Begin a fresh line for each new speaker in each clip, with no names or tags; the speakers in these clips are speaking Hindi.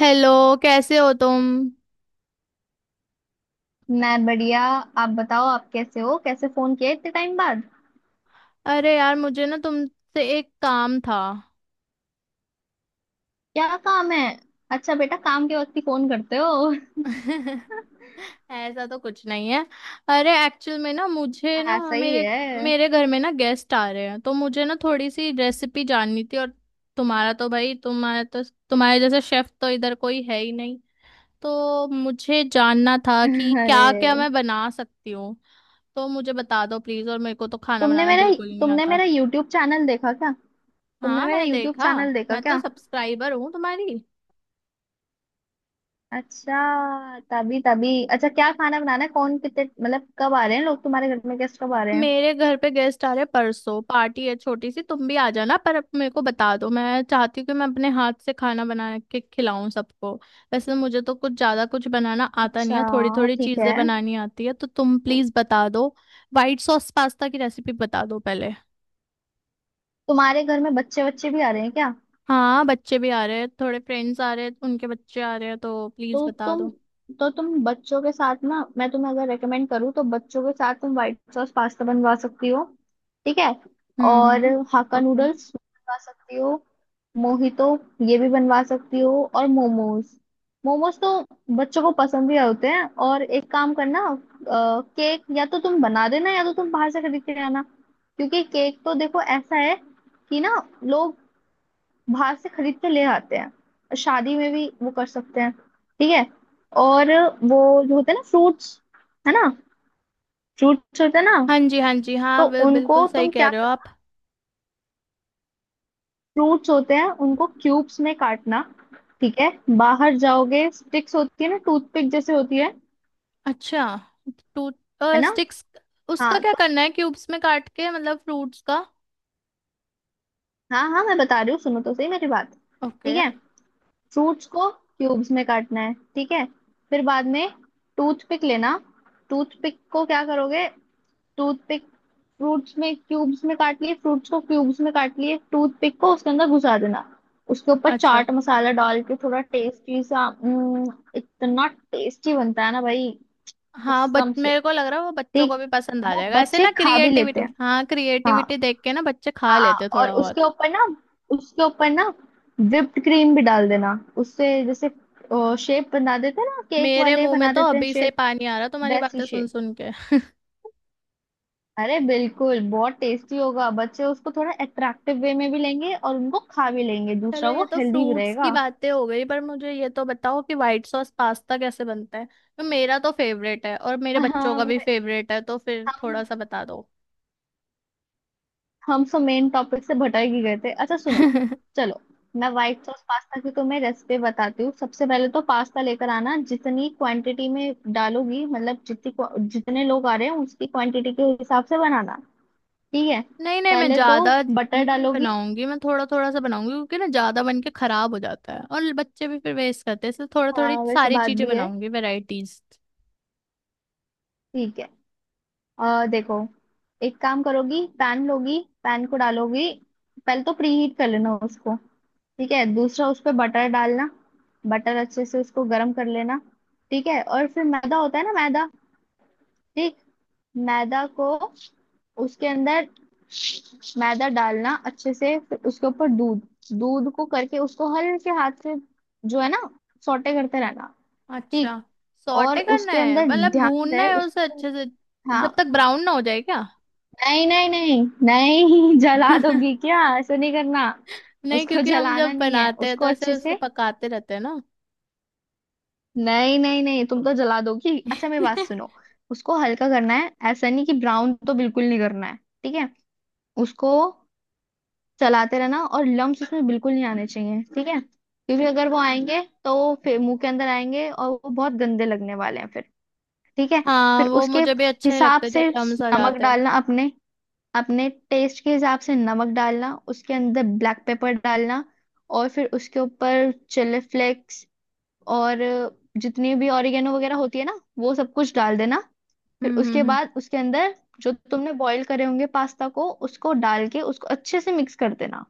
हेलो। कैसे हो तुम?
मैं बढ़िया। आप बताओ आप कैसे हो कैसे फोन किया इतने टाइम बाद।
अरे यार, मुझे ना तुमसे एक काम था।
क्या काम है। अच्छा बेटा काम के वक्त ही फोन करते हो।
ऐसा तो कुछ नहीं है। अरे एक्चुअल में ना, मुझे ना
ऐसा ही
मेरे
है।
मेरे घर में ना गेस्ट आ रहे हैं, तो मुझे ना थोड़ी सी रेसिपी जाननी थी। और तुम्हारा तो भाई तुम्हारा तो तुम्हारे जैसा शेफ तो इधर कोई है ही नहीं। तो मुझे जानना था कि
अरे
क्या क्या मैं बना सकती हूँ। तो मुझे बता दो प्लीज, और मेरे को तो खाना
तुमने
बनाना
मेरा
बिल्कुल ही नहीं
तुमने
आता।
मेरा यूट्यूब चैनल देखा क्या। तुमने
हाँ,
मेरा
मैंने
यूट्यूब
देखा।
चैनल देखा
मैं तो
क्या।
सब्सक्राइबर हूँ तुम्हारी।
अच्छा तभी तभी अच्छा क्या खाना बनाना है कौन कितने मतलब कब आ रहे हैं लोग तुम्हारे घर में गेस्ट कब आ रहे हैं।
मेरे घर पे गेस्ट आ रहे, परसों पार्टी है, छोटी सी। तुम भी आ जाना। पर मेरे को बता दो। मैं चाहती हूँ कि मैं अपने हाथ से खाना बना के खिलाऊं सबको। वैसे मुझे तो कुछ ज्यादा कुछ बनाना आता नहीं है, थोड़ी
अच्छा
थोड़ी
ठीक है।
चीजें बनानी आती है। तो तुम प्लीज बता दो। व्हाइट सॉस पास्ता की रेसिपी बता दो पहले।
तुम्हारे घर में बच्चे बच्चे भी आ रहे हैं क्या।
हाँ, बच्चे भी आ रहे हैं, थोड़े फ्रेंड्स आ रहे हैं, उनके बच्चे आ रहे हैं। तो प्लीज
तो
बता
तुम
दो।
तो तुम बच्चों के साथ ना मैं तुम्हें अगर रेकमेंड करूँ तो बच्चों के साथ तुम व्हाइट सॉस पास्ता बनवा सकती हो। ठीक है।
हम्म,
और
हम्म।
हाक्का
ओके।
नूडल्स बनवा सकती हो। मोहितो ये भी बनवा सकती हो और मोमोज। मोमोज तो बच्चों को पसंद भी होते हैं। और एक काम करना। केक या तो तुम बना देना या तो तुम बाहर से खरीद के आना। क्योंकि केक तो देखो ऐसा है कि ना लोग बाहर से खरीद के ले आते हैं शादी में भी वो कर सकते हैं। ठीक है। और वो जो होते हैं ना फ्रूट्स है ना फ्रूट्स होते हैं ना।
हाँ जी, हाँ जी,
तो
हाँ, बिल-
उनको
बिल्कुल सही
तुम
कह
क्या
रहे हो आप।
करना, फ्रूट्स होते हैं उनको क्यूब्स में काटना। ठीक है। बाहर जाओगे स्टिक्स होती है ना, टूथपिक जैसे होती है
अच्छा, तो
है ना।
स्टिक्स, उसका
हाँ
क्या
तो
करना है, क्यूब्स में काट के, मतलब फ्रूट्स का?
हाँ हाँ मैं बता रही हूँ सुनो तो सही मेरी बात। ठीक
ओके।
है। फ्रूट्स को क्यूब्स में काटना है, ठीक है, फिर बाद में टूथपिक लेना। टूथपिक को क्या करोगे, टूथपिक, फ्रूट्स में क्यूब्स में काट लिए, फ्रूट्स को क्यूब्स में काट लिए, टूथपिक को उसके अंदर घुसा देना। उसके ऊपर
अच्छा।
चाट मसाला डाल के थोड़ा टेस्टी सा इतना टेस्टी बनता है ना भाई।
हाँ, बच
कसम से।
मेरे को लग रहा है वो बच्चों
ठीक।
को भी पसंद आ
वो
जाएगा ऐसे
बच्चे
ना,
खा भी लेते
क्रिएटिविटी।
हैं।
हाँ, क्रिएटिविटी
हाँ।
देख के ना बच्चे खा
हाँ।
लेते हैं
और
थोड़ा बहुत।
उसके ऊपर ना whipped क्रीम भी डाल देना। उससे जैसे शेप बना देते हैं ना, केक
मेरे
वाले
मुंह में
बना
तो
देते हैं
अभी से
शेप।
पानी आ रहा तुम्हारी
वैसी
बातें सुन
शेप।
सुन के।
अरे बिल्कुल बहुत टेस्टी होगा, बच्चे उसको थोड़ा अट्रैक्टिव वे में भी लेंगे और उनको खा भी लेंगे,
चलो,
दूसरा
ये
वो
तो
हेल्दी भी
फ्रूट्स
रहेगा।
की बातें हो गई, पर मुझे ये तो बताओ कि व्हाइट सॉस पास्ता कैसे बनता है? तो मेरा तो फेवरेट है और मेरे बच्चों का
हम
भी फेवरेट है, तो फिर थोड़ा
हम
सा बता दो।
हम सब मेन टॉपिक से भटक ही गए थे। अच्छा सुनो। चलो, मैं व्हाइट सॉस पास्ता की तुम्हें रेसिपी बताती हूँ। सबसे पहले तो पास्ता लेकर आना, जितनी क्वांटिटी में डालोगी मतलब जितनी जितने लोग आ रहे हैं उसकी क्वांटिटी के हिसाब से बनाना। ठीक है।
नहीं नहीं, मैं
पहले तो
ज्यादा
बटर
नहीं
डालोगी।
बनाऊंगी। मैं थोड़ा थोड़ा सा बनाऊंगी, क्योंकि ना ज्यादा बन के खराब हो जाता है और बच्चे भी फिर वेस्ट करते हैं, इसलिए थोड़ा थोड़ी
हाँ वैसे
सारी
बात
चीजें
भी है।
बनाऊंगी, वेराइटीज।
ठीक है। देखो। एक काम करोगी, पैन लोगी, पैन को डालोगी। पहले तो प्रीहीट कर लेना उसको। ठीक है, दूसरा उस पे बटर डालना। बटर अच्छे से उसको गर्म कर लेना। ठीक है, और फिर मैदा होता है ना मैदा। ठीक। मैदा को उसके अंदर मैदा डालना अच्छे से, फिर उसके ऊपर दूध। दूध को करके उसको हल्के हाथ से, जो है ना, सौटे करते रहना।
अच्छा,
ठीक। और
सॉटे करना
उसके
है
अंदर
मतलब
ध्यान
भूनना
रहे
है उसे
उसके।
अच्छे से, जब तक
हाँ।
ब्राउन ना हो जाए क्या?
नहीं नहीं नहीं नहीं जला दोगी क्या, ऐसा नहीं करना।
नहीं,
उसको
क्योंकि हम
जलाना
जब
नहीं है,
बनाते हैं
उसको
तो ऐसे
अच्छे
उसको
से।
पकाते रहते हैं ना।
नहीं नहीं नहीं तुम तो जला दोगी, अच्छा मेरी बात सुनो। उसको हल्का करना है, ऐसा नहीं कि ब्राउन, तो बिल्कुल नहीं करना है। ठीक है। उसको चलाते रहना, और लम्स उसमें बिल्कुल नहीं आने चाहिए, ठीक है, क्योंकि अगर वो आएंगे तो वो फिर मुंह के अंदर आएंगे और वो बहुत गंदे लगने वाले हैं फिर। ठीक है।
हाँ,
फिर
वो
उसके
मुझे भी अच्छे नहीं
हिसाब
लगते जब
से
लम्स आ
नमक
जाते हैं।
डालना, अपने अपने टेस्ट के हिसाब से नमक डालना, उसके अंदर ब्लैक पेपर डालना। और फिर उसके ऊपर चिली फ्लेक्स, और जितनी भी ऑरिगेनो वगैरह होती है ना वो सब कुछ डाल देना। फिर
हम्म, हम्म,
उसके बाद उसके अंदर जो तुमने बॉईल करे होंगे पास्ता को, उसको डाल के उसको अच्छे से मिक्स कर देना।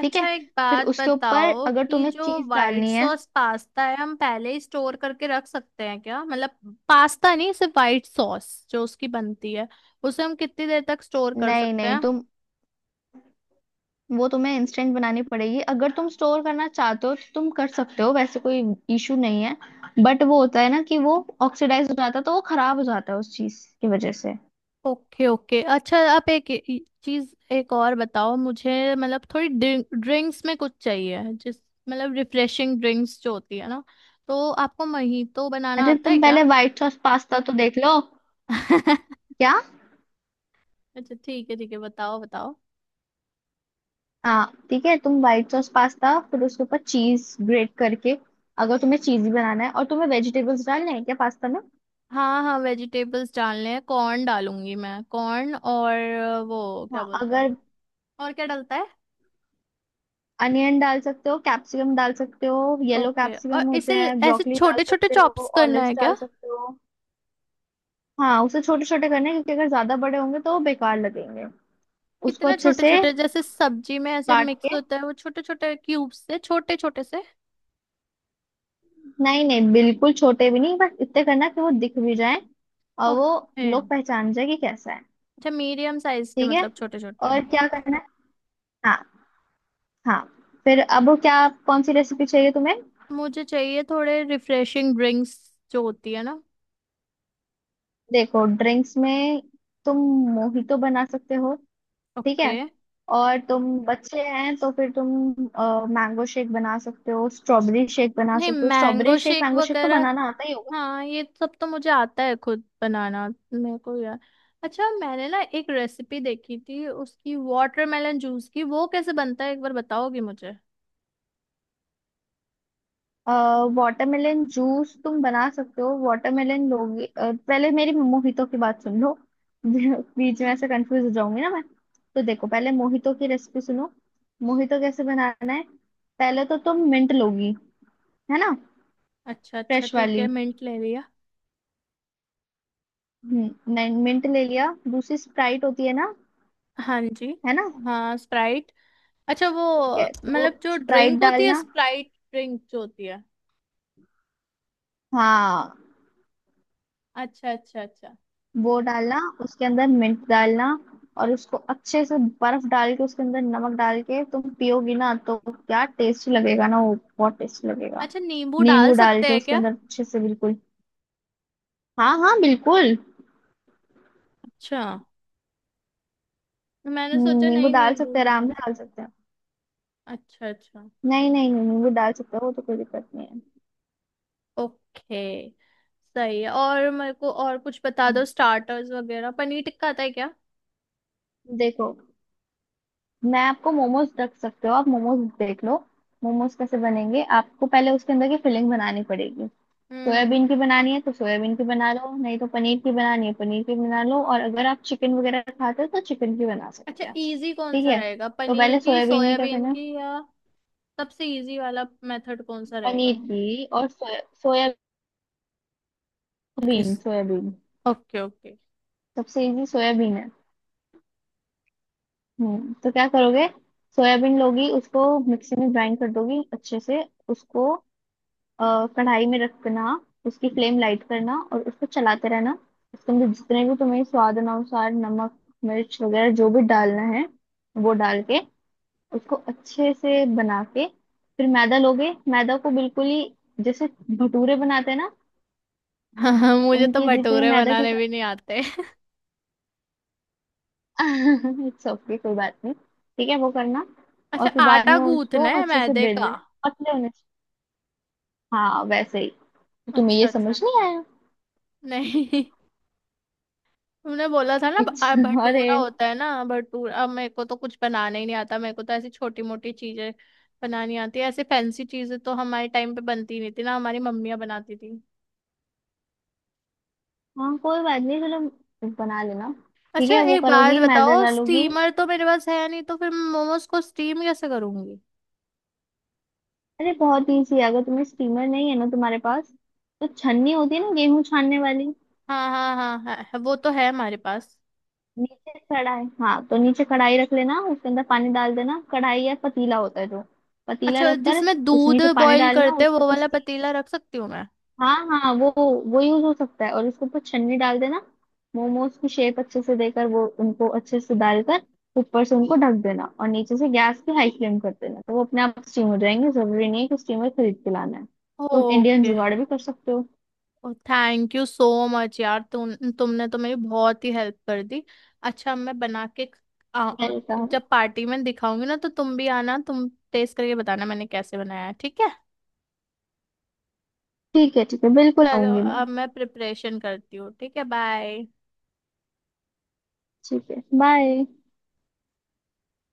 ठीक है।
एक
फिर
बात
उसके ऊपर
बताओ
अगर
कि
तुम्हें
जो
चीज
व्हाइट
डालनी है।
सॉस पास्ता है, हम पहले ही स्टोर करके रख सकते हैं क्या? मतलब पास्ता नहीं, सिर्फ व्हाइट सॉस जो उसकी बनती है, उसे हम कितनी देर तक स्टोर कर
नहीं
सकते
नहीं,
हैं?
तुम, वो तुम्हें इंस्टेंट बनानी पड़ेगी, अगर तुम स्टोर करना चाहते हो तो तुम कर सकते हो, वैसे कोई इशू नहीं है। बट वो होता है ना कि वो ऑक्सीडाइज हो जाता है, तो वो खराब हो जाता है उस चीज की वजह से।
Okay, okay. अच्छा, आप एक चीज एक और बताओ मुझे, मतलब थोड़ी ड्रिंक्स में कुछ चाहिए, जिस मतलब रिफ्रेशिंग ड्रिंक्स जो होती है ना। तो आपको महीतो बनाना
अरे
आता है
तुम
क्या?
पहले व्हाइट सॉस पास्ता तो देख लो। क्या।
अच्छा ठीक है, ठीक है, बताओ बताओ।
हाँ ठीक है, तुम व्हाइट सॉस पास्ता फिर उसके ऊपर चीज ग्रेट करके, अगर तुम्हें चीजी बनाना है, और तुम्हें वेजिटेबल्स डालने हैं क्या पास्ता में।
हाँ हाँ, वेजिटेबल्स डालने हैं। कॉर्न डालूंगी मैं, कॉर्न और वो क्या
हाँ
बोलते हैं,
अगर,
और क्या डलता है?
अनियन डाल सकते हो, कैप्सिकम डाल सकते हो, येलो
ओके, और
कैप्सिकम होते
इसे
हैं,
ऐसे
ब्रोकली डाल
छोटे छोटे
सकते हो।
चॉप्स करना
ऑलिव्स
है क्या?
डाल सकते हो। हाँ उसे छोटे छोटे करने हैं, क्योंकि अगर ज्यादा बड़े होंगे तो वो बेकार लगेंगे। उसको
कितना
अच्छे
छोटे
से
छोटे, जैसे सब्जी में ऐसे
काट
मिक्स
के।
होता है वो छोटे छोटे क्यूब्स से, छोटे छोटे से?
नहीं नहीं बिल्कुल छोटे भी नहीं, बस इतने करना कि वो दिख भी जाए और वो
ओके,
लोग पहचान जाए कि कैसा है।
अच्छा, मीडियम साइज के
ठीक है,
मतलब, छोटे छोटे।
और क्या करना है। हाँ। हाँ। फिर अब वो क्या, कौन सी रेसिपी चाहिए तुम्हें।
मुझे चाहिए थोड़े रिफ्रेशिंग ड्रिंक्स जो होती है ना।
देखो ड्रिंक्स में तुम मोहितो बना सकते हो। ठीक
ओके।
है। और तुम बच्चे हैं तो फिर तुम मैंगो शेक बना सकते हो, स्ट्रॉबेरी शेक बना
नहीं,
सकते हो,
mango
strawberry shake
shake
mango shake तो
वगैरह,
बनाना आता ही होगा।
हाँ, ये सब तो मुझे आता है खुद बनाना। मेरे को यार, अच्छा मैंने ना एक रेसिपी देखी थी उसकी, वाटरमेलन जूस की, वो कैसे बनता है एक बार बताओगी मुझे?
वाटरमेलन जूस तुम बना सकते हो, वाटरमेलन लोगे पहले मेरी मोहितो की बात सुन लो। बीच में ऐसे कंफ्यूज हो जाऊंगी ना मैं। तो देखो पहले मोहितो की रेसिपी सुनो। मोहितो कैसे बनाना है। पहले तो तुम मिंट लोगी, है ना।
अच्छा अच्छा,
फ्रेश
ठीक है,
वाली।
मिंट ले लिया।
नहीं मिंट ले लिया, दूसरी स्प्राइट होती है ना,
हाँ जी।
है ना।
हाँ, स्प्राइट। अच्छा, वो
ठीक है, तो
मतलब जो
स्प्राइट
ड्रिंक होती है,
डालना।
स्प्राइट ड्रिंक जो होती है।
हाँ,
अच्छा अच्छा अच्छा।
वो डालना, उसके अंदर मिंट डालना। और उसको अच्छे से बर्फ डाल के, उसके अंदर नमक डाल के तुम पियोगी ना, तो क्या टेस्ट लगेगा ना, वो बहुत टेस्ट लगेगा।
अच्छा, नींबू डाल
नींबू डाल
सकते
के
हैं
उसके
क्या?
अंदर अच्छे से, बिल्कुल। हाँ हाँ बिल्कुल।
अच्छा, मैंने सोचा
नींबू
नहीं
डाल
नींबू
सकते हैं,
भी ना।
आराम से डाल सकते हैं।
अच्छा अच्छा।
नहीं नहीं नहीं, नींबू डाल सकते हो, वो तो कोई दिक्कत नहीं है।
ओके। सही है। और मेरे को और कुछ बता दो,
हम्म।
स्टार्टर्स वगैरह, पनीर टिक्का आता है क्या?
देखो, मैं आपको मोमोज रख सकते हो, आप मोमोज देख लो। मोमोज कैसे बनेंगे, आपको पहले उसके अंदर की फिलिंग बनानी पड़ेगी।
हम्म।
सोयाबीन की बनानी है तो सोयाबीन की बना लो, नहीं तो पनीर की बनानी है पनीर की बना लो, और अगर आप चिकन वगैरह खाते हो तो चिकन की बना
अच्छा,
सकते हैं,
इजी कौन
ठीक
सा
है।
रहेगा,
तो
पनीर
पहले
की,
सोयाबीन में क्या
सोयाबीन
करना है,
की, या? सबसे इजी वाला मेथड कौन सा
पनीर
रहेगा?
की और soya,
okay.
Soybean soybean,
okay, okay.
सबसे इजी सोयाबीन है। तो क्या करोगे। सोयाबीन लोगी, उसको मिक्सी में ग्राइंड कर दोगी अच्छे से, उसको कढ़ाई में रखना। उसकी फ्लेम लाइट करना और उसको चलाते रहना। उसके अंदर जितने भी तुम्हें स्वाद अनुसार नमक मिर्च वगैरह जो भी डालना है वो डाल के उसको अच्छे से बना के, फिर मैदा लोगे, मैदा को बिल्कुल ही जैसे भटूरे बनाते हैं ना,
हाँ, मुझे तो
उनके जितने
भटूरे
मैदा के,
बनाने भी नहीं आते।
इट्स ओके कोई बात नहीं। ठीक है, वो करना। और
अच्छा,
फिर बाद
आटा
में उसको
गूंथना है
अच्छे से
मैदे
बेल
का?
देना पतले होने से- हाँ वैसे ही। तो तुम्हें
अच्छा
ये
अच्छा,
समझ नहीं आया।
नहीं। तुमने बोला था ना
इट्स, अरे
भटूरा होता है ना, भटूरा। अब मेरे को तो कुछ बनाना ही नहीं आता। मेरे को तो ऐसी छोटी मोटी चीजें बनानी आती है। ऐसे फैंसी चीजें तो हमारे टाइम पे बनती नहीं थी ना, हमारी मम्मियाँ बनाती थी।
हाँ कोई बात नहीं, चलो बना लेना। ठीक
अच्छा,
है, वो
एक बात
करोगी मैदा
बताओ,
डालोगी।
स्टीमर तो मेरे पास है नहीं, तो फिर मैं मोमोज को स्टीम कैसे करूंगी?
अरे बहुत इजी है, अगर तुम्हें स्टीमर नहीं है ना तुम्हारे पास, तो छन्नी होती है ना गेहूं छानने वाली।
हाँ हाँ हाँ हाँ, वो तो है हमारे पास।
नीचे कढ़ाई, हाँ तो नीचे कढ़ाई रख लेना, उसके अंदर पानी डाल देना, कढ़ाई या पतीला होता है जो, पतीला
अच्छा,
रखकर
जिसमें
उस
दूध
नीचे पानी
बॉईल
डालना,
करते हैं
उसके
वो
ऊपर,
वाला पतीला रख सकती हूँ मैं?
हाँ हाँ, वो यूज हो सकता है, और उसके ऊपर छन्नी डाल देना। मोमोज की शेप अच्छे से देकर, वो उनको अच्छे से डालकर ऊपर से उनको ढक देना, और नीचे से गैस की हाई फ्लेम कर देना, तो वो अपने आप स्टीम हो जाएंगे, जरूरी नहीं है कि स्टीमर खरीद के लाना है। तुम इंडियन
ओके।
जुगाड़ भी कर सकते हो।
थैंक यू सो मच यार, तुमने तो मेरी बहुत ही हेल्प कर दी। अच्छा, मैं बना के आ,
मैंने कहा।
जब पार्टी में दिखाऊंगी ना तो तुम भी आना, तुम टेस्ट करके बताना मैंने कैसे बनाया है, ठीक है?
ठीक है ठीक है, बिल्कुल
चलो,
आऊंगी मैं।
अब मैं प्रिपरेशन करती हूँ, ठीक है, बाय।
ठीक है बाय।